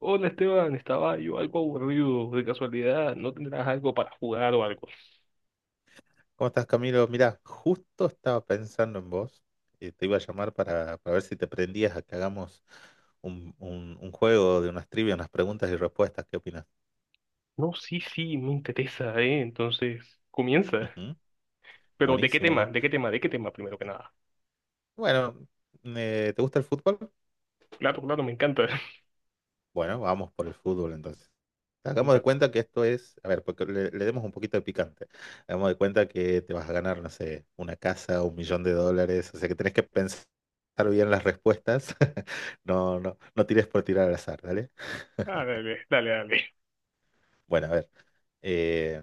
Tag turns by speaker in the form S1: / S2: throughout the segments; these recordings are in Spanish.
S1: Hola Esteban, estaba yo algo aburrido, de casualidad, ¿no tendrás algo para jugar o algo?
S2: ¿Cómo estás, Camilo? Mira, justo estaba pensando en vos. Te iba a llamar para ver si te prendías a que hagamos un juego de unas trivias, unas preguntas y respuestas. ¿Qué opinas?
S1: No, sí, sí, me interesa, Entonces, comienza.
S2: Ujú,
S1: Pero ¿de qué tema?
S2: buenísimo.
S1: ¿De qué tema? ¿De qué tema primero que nada?
S2: Bueno, ¿te gusta el fútbol?
S1: Claro, claro, me encanta.
S2: Bueno, vamos por el fútbol entonces. Hagamos de
S1: Dale.
S2: cuenta que esto es, a ver, porque le demos un poquito de picante. Hagamos de cuenta que te vas a ganar, no sé, una casa, un millón de dólares. O sea que tenés que pensar bien las respuestas. No, no, no tires por tirar al azar.
S1: Ah, dale, dale, dale.
S2: Bueno, a ver, eh,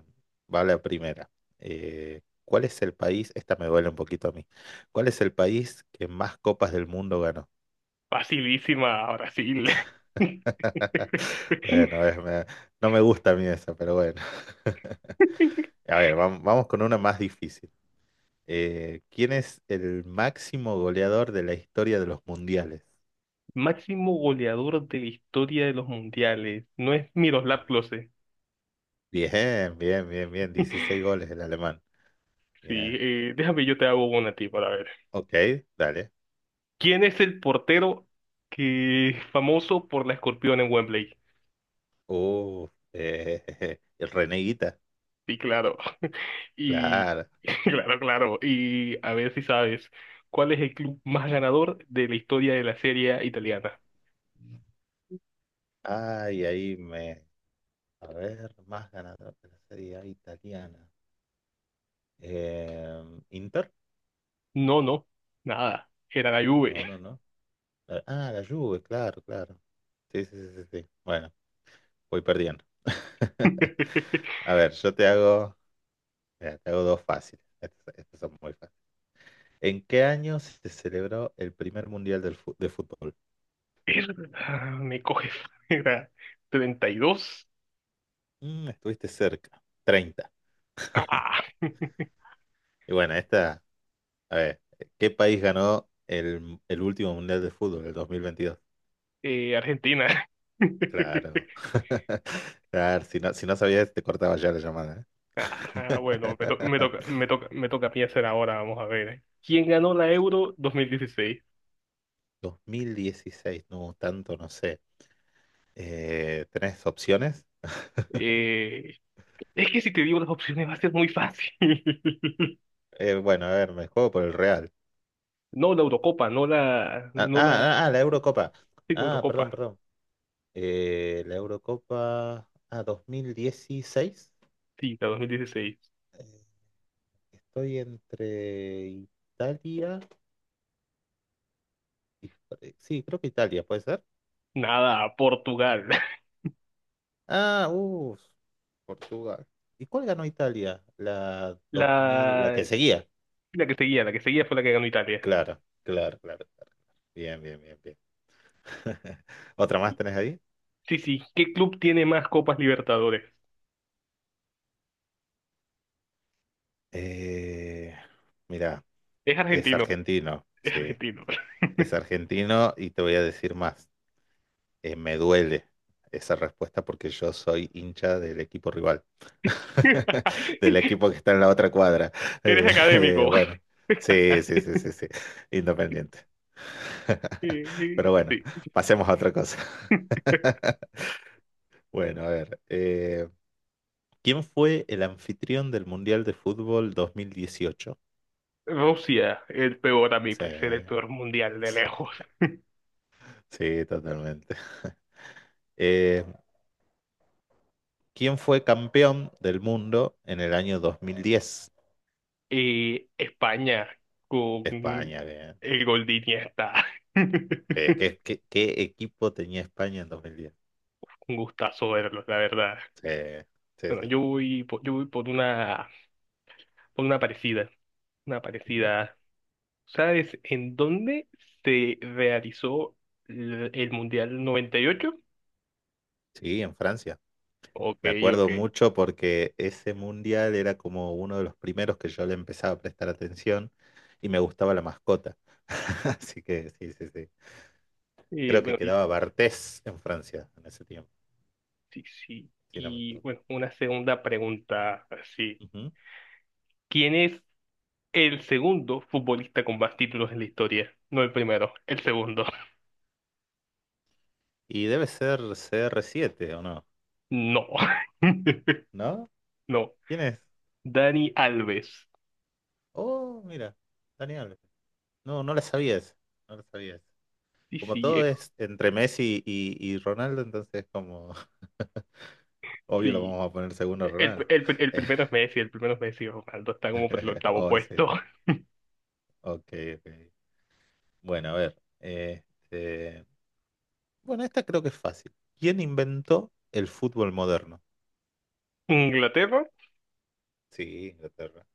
S2: va la primera. ¿Cuál es el país? Esta me duele un poquito a mí. ¿Cuál es el país que más copas del mundo ganó?
S1: Facilísima, Brasil.
S2: Bueno, no me gusta a mí esa, pero bueno. A ver, vamos con una más difícil. ¿Quién es el máximo goleador de la historia de los mundiales?
S1: Máximo goleador de la historia de los mundiales. No es Miroslav Klose.
S2: Bien, bien, bien, bien. 16 goles el alemán.
S1: Sí,
S2: Bien.
S1: déjame, yo te hago una a ti para ver.
S2: Ok, dale.
S1: ¿Quién es el portero que famoso por la escorpión en Wembley?
S2: Uh, el Reneguita.
S1: Sí, claro. Y
S2: Claro.
S1: claro, claro. Y a ver si sabes, ¿cuál es el club más ganador de la historia de la Serie italiana?
S2: Ay, ahí me. A ver, más ganador de la Serie A italiana. Eh, ¿Inter?
S1: No, no, nada. Era la
S2: No,
S1: Juve.
S2: no, no. Ah, la Juve, claro, claro. Sí, sí, sí, sí. Sí. Bueno, voy perdiendo. A ver, yo te hago, mira, te hago dos fáciles. Estos son muy fáciles. ¿En qué año se celebró el primer mundial de fútbol?
S1: Ah, me coges. Era 32.
S2: Mm, estuviste cerca. 30.
S1: Ah,
S2: Y bueno, esta, a ver, ¿qué país ganó el último mundial de fútbol, el 2022?
S1: Argentina.
S2: Claro. Claro, si no, si no sabías, te cortaba ya la llamada.
S1: Ah, bueno, me
S2: ¿Eh?
S1: toca, me toca, me toca a mí hacer ahora, vamos a ver. ¿Quién ganó la Euro 2016?
S2: 2016, no, tanto no sé. ¿Tenés opciones?
S1: Eh, es que si te digo las opciones va a ser muy fácil.
S2: Bueno, a ver, me juego por el Real.
S1: No la Eurocopa, no la,
S2: Ah,
S1: no la,
S2: ah, ah, la Eurocopa.
S1: sí, la
S2: Ah,
S1: Eurocopa,
S2: perdón, perdón. La Eurocopa. Ah, 2016.
S1: sí, la 2016.
S2: Eh, estoy entre Italia y sí, creo que Italia, ¿puede ser?
S1: Nada, Portugal.
S2: Ah, uff. Portugal. ¿Y cuál ganó Italia? La 2000, la que
S1: La,
S2: seguía.
S1: la que seguía fue la que ganó Italia.
S2: Claro, claro, claro, claro. Bien, bien, bien, bien. ¿Otra más tenés ahí?
S1: Sí, sí, ¿qué club tiene más Copas Libertadores?
S2: Eh, mira,
S1: Es
S2: es
S1: argentino,
S2: argentino,
S1: es
S2: sí.
S1: argentino.
S2: Es argentino y te voy a decir más. Me duele esa respuesta porque yo soy hincha del equipo rival, del equipo que está en la otra cuadra.
S1: Eres académico.
S2: Bueno, sí, sí, sí, sí, sí. Independiente.
S1: Sí.
S2: Pero bueno, pasemos a otra cosa. Bueno, a ver. ¿Quién fue el anfitrión del Mundial de Fútbol 2018?
S1: Rusia, el peor, a mi
S2: Sí,
S1: parecer, el peor mundial de
S2: sí,
S1: lejos.
S2: sí, totalmente. Eh, ¿Quién fue campeón del mundo en el año 2010?
S1: Y España con
S2: España, bien.
S1: el gol de Iniesta.
S2: ¿Qué equipo tenía España en 2010?
S1: Un gustazo verlos, la verdad.
S2: Sí, sí,
S1: Bueno,
S2: sí.
S1: yo voy por una parecida, una
S2: Ujú.
S1: parecida. ¿Sabes en dónde se realizó el Mundial 98?
S2: Sí, en Francia.
S1: Ok,
S2: Me acuerdo
S1: ok.
S2: mucho porque ese mundial era como uno de los primeros que yo le empezaba a prestar atención y me gustaba la mascota. Así que sí, sí, sí.
S1: Y
S2: Creo que
S1: bueno, y
S2: quedaba Bartés en Francia en ese tiempo,
S1: sí, sí.
S2: si no me
S1: Y
S2: equivoco.
S1: bueno, una segunda pregunta, sí.
S2: Ujú.
S1: ¿Quiénes el segundo futbolista con más títulos en la historia? No el primero, el segundo.
S2: Y debe ser CR7 o no,
S1: No.
S2: ¿no?
S1: No.
S2: ¿Quién es?
S1: Dani Alves.
S2: Oh, mira, Dani Alves. No, no la sabías, no la sabías.
S1: Sí,
S2: Como
S1: sí,
S2: todo es entre Messi y Ronaldo, entonces como obvio lo
S1: sí.
S2: vamos a poner segundo a Ronaldo.
S1: El primero es Messi, el primero es Messi. Ronaldo está como por el octavo
S2: Oh, sí. Sí,
S1: puesto.
S2: sí. Ok, ok. Bueno, a ver. Este... Bueno, esta creo que es fácil. ¿Quién inventó el fútbol moderno?
S1: Inglaterra,
S2: Sí, Inglaterra.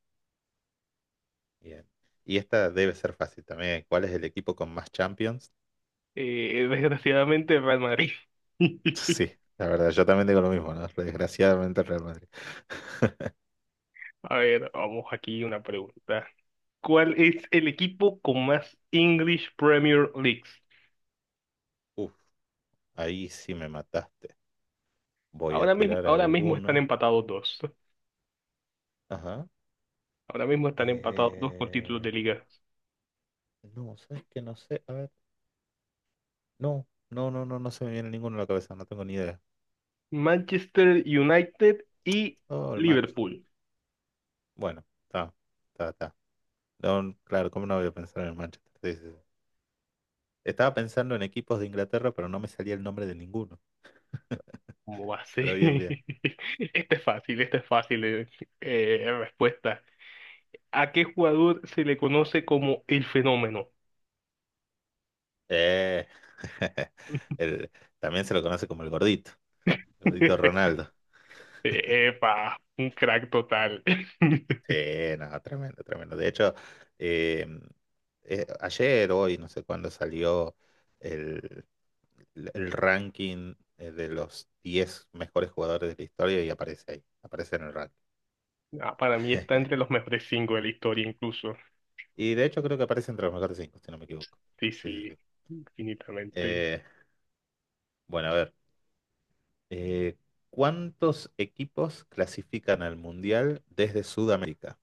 S2: Bien. Y esta debe ser fácil también. ¿Cuál es el equipo con más Champions?
S1: desgraciadamente Real Madrid.
S2: Sí, la verdad, yo también digo lo mismo, ¿no? Desgraciadamente el Real Madrid.
S1: A ver, vamos aquí una pregunta. ¿Cuál es el equipo con más English Premier Leagues?
S2: Uf, ahí sí me mataste. Voy a tirar
S1: Ahora mismo están
S2: alguno.
S1: empatados dos.
S2: Ajá.
S1: Ahora mismo están empatados dos con títulos de
S2: Eh,
S1: liga.
S2: no, ¿sabes qué? No sé. A ver. No, no, no, no, no se me viene ninguno a la cabeza. No tengo ni idea.
S1: Manchester United y
S2: Oh, el man.
S1: Liverpool.
S2: Bueno, está, está, está. No, claro, ¿cómo no voy a pensar en el Manchester? Sí, sí, sí. Estaba pensando en equipos de Inglaterra, pero no me salía el nombre de ninguno.
S1: ¿Cómo va a ser?
S2: Pero bien, bien.
S1: Este es fácil, este es fácil. Respuesta. ¿A qué jugador se le conoce como el fenómeno?
S2: Eh, el- también se lo conoce como el gordito Ronaldo.
S1: Epa, un crack total.
S2: Sí, no, tremendo, tremendo. De hecho, eh, ayer, hoy, no sé cuándo salió el, el ranking de los 10 mejores jugadores de la historia y aparece ahí, aparece en el ranking.
S1: Ah, para mí está entre los mejores cinco de la historia incluso.
S2: Y de hecho creo que aparece entre los mejores cinco, si no me equivoco.
S1: Sí,
S2: Sí, sí,
S1: sí,
S2: sí.
S1: infinitamente.
S2: Eh, bueno, a ver. eh, ¿Cuántos equipos clasifican al Mundial desde Sudamérica?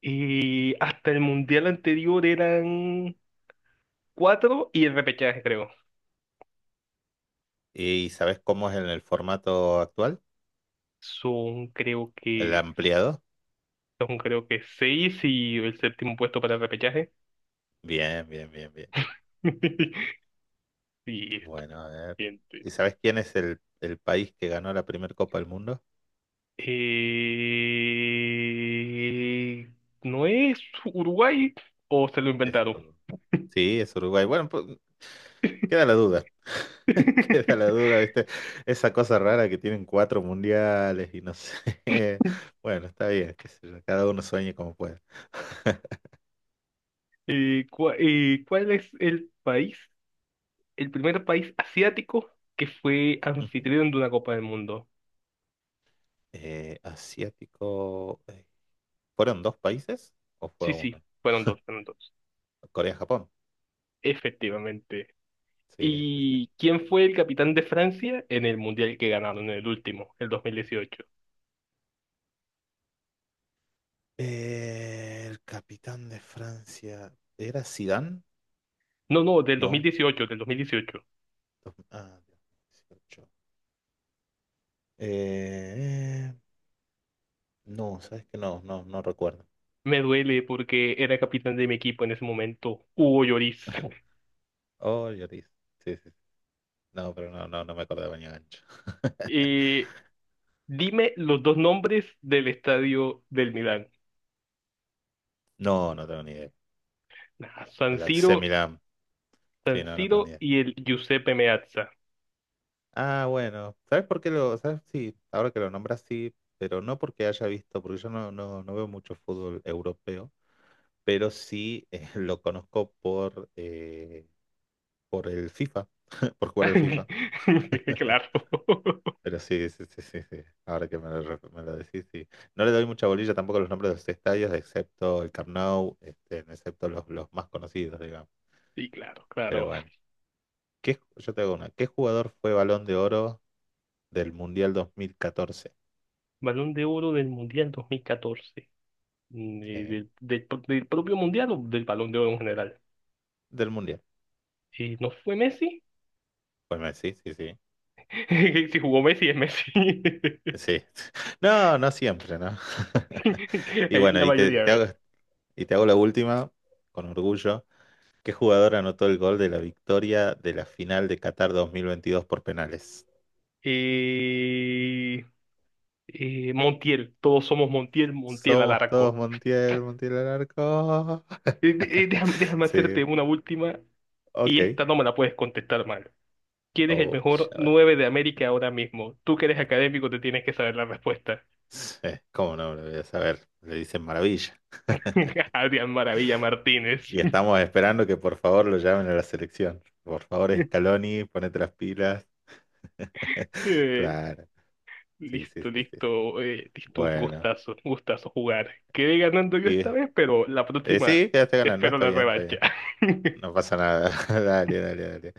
S1: Y hasta el mundial anterior eran cuatro y el repechaje creo.
S2: ¿Y sabes cómo es en el formato actual?
S1: Son creo
S2: ¿El
S1: que
S2: ampliado?
S1: son creo que seis y el séptimo puesto para el repechaje.
S2: Bien, bien, bien, bien.
S1: Y esto.
S2: Bueno, a ver.
S1: Gente.
S2: ¿Y sabes quién es el país que ganó la primera Copa del Mundo?
S1: Eh, ¿No es Uruguay o se lo
S2: Es
S1: inventaron?
S2: Uruguay. Sí, es Uruguay. Bueno, pues, queda la duda. Queda la duda, ¿viste? Esa cosa rara que tienen cuatro mundiales y no sé. Bueno, está bien, qué sé yo, cada uno sueñe como pueda.
S1: ¿Cuál es el país, el primer país asiático que fue
S2: Ujú.
S1: anfitrión de una Copa del Mundo?
S2: Asiático. ¿Fueron dos países o fue
S1: Sí, sí,
S2: uno?
S1: fueron dos, fueron dos.
S2: Corea-Japón.
S1: Efectivamente.
S2: Sí, sí, sí.
S1: ¿Y quién fue el capitán de Francia en el mundial que ganaron en el último, el dos mil dieciocho?
S2: El capitán de Francia. ¿Era Zidane?
S1: No, no, del dos mil
S2: No.
S1: dieciocho, del 2018.
S2: Ah, 2018. Eh, no, sabes que no, no, no recuerdo.
S1: Me duele porque era capitán de mi equipo en ese momento, Hugo Lloris.
S2: Oh, Lloris. Sí, sí. No, pero no, no, no me acordaba ni a gancho.
S1: Eh, dime los dos nombres del estadio del Milán.
S2: No, no tengo ni idea.
S1: Ah, San
S2: El AC
S1: Siro,
S2: Milan. Sí,
S1: San
S2: no, no tengo ni
S1: Siro
S2: idea.
S1: y el Giuseppe Meazza.
S2: Ah, bueno. ¿Sabes por qué lo...? ¿Sabes? Sí, ahora que lo nombras, sí, pero no porque haya visto, porque yo no, no, no veo mucho fútbol europeo, pero sí lo conozco por el FIFA, por jugar el FIFA.
S1: Claro.
S2: Pero sí, sí, sí, sí, sí. Ahora que me lo, me lo decís, sí. No le doy mucha bolilla tampoco a los nombres de los estadios, excepto el Camp Nou, este, excepto los más conocidos, digamos.
S1: Sí, claro,
S2: Pero
S1: claro.
S2: bueno. Yo te hago una. ¿Qué jugador fue Balón de Oro del Mundial 2014?
S1: Balón de oro del Mundial 2014.
S2: Sí,
S1: Del propio Mundial o del Balón de Oro en general.
S2: del Mundial.
S1: ¿No fue Messi?
S2: Pues Messi, sí, sí.
S1: Si jugó Messi, es Messi.
S2: Sí. No, no siempre, ¿no? Y bueno,
S1: La mayoría de veces.
S2: y te hago la última, con orgullo. ¿Qué jugador anotó el gol de la victoria de la final de Qatar 2022 por penales?
S1: Eh, Montiel, todos somos Montiel, Montiel
S2: Somos todos
S1: Alarco.
S2: Montiel, Montiel al arco.
S1: Déjame, déjame hacerte
S2: Sí,
S1: una última y
S2: ok.
S1: esta no me la puedes contestar mal. ¿Quién es el
S2: Uy,
S1: mejor
S2: a ver.
S1: 9 de América ahora mismo? Tú que eres académico te tienes que saber la respuesta.
S2: ¿Cómo no me lo voy a saber? Le dicen maravilla.
S1: Adrián Maravilla Martínez.
S2: Y estamos esperando que por favor lo llamen a la selección. Por favor, Scaloni, ponete las pilas.
S1: Eh,
S2: Claro, sí, sí,
S1: listo,
S2: sí, sí. Sí.
S1: listo,
S2: Bueno,
S1: un gustazo jugar. Quedé ganando yo esta
S2: y
S1: vez, pero la próxima
S2: sí, quedaste ganando,
S1: espero
S2: está
S1: la
S2: bien, está
S1: revancha.
S2: bien. No pasa nada. Dale, dale, dale.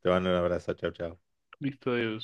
S2: Te mando un abrazo, chau, chau.
S1: Listo, Dios.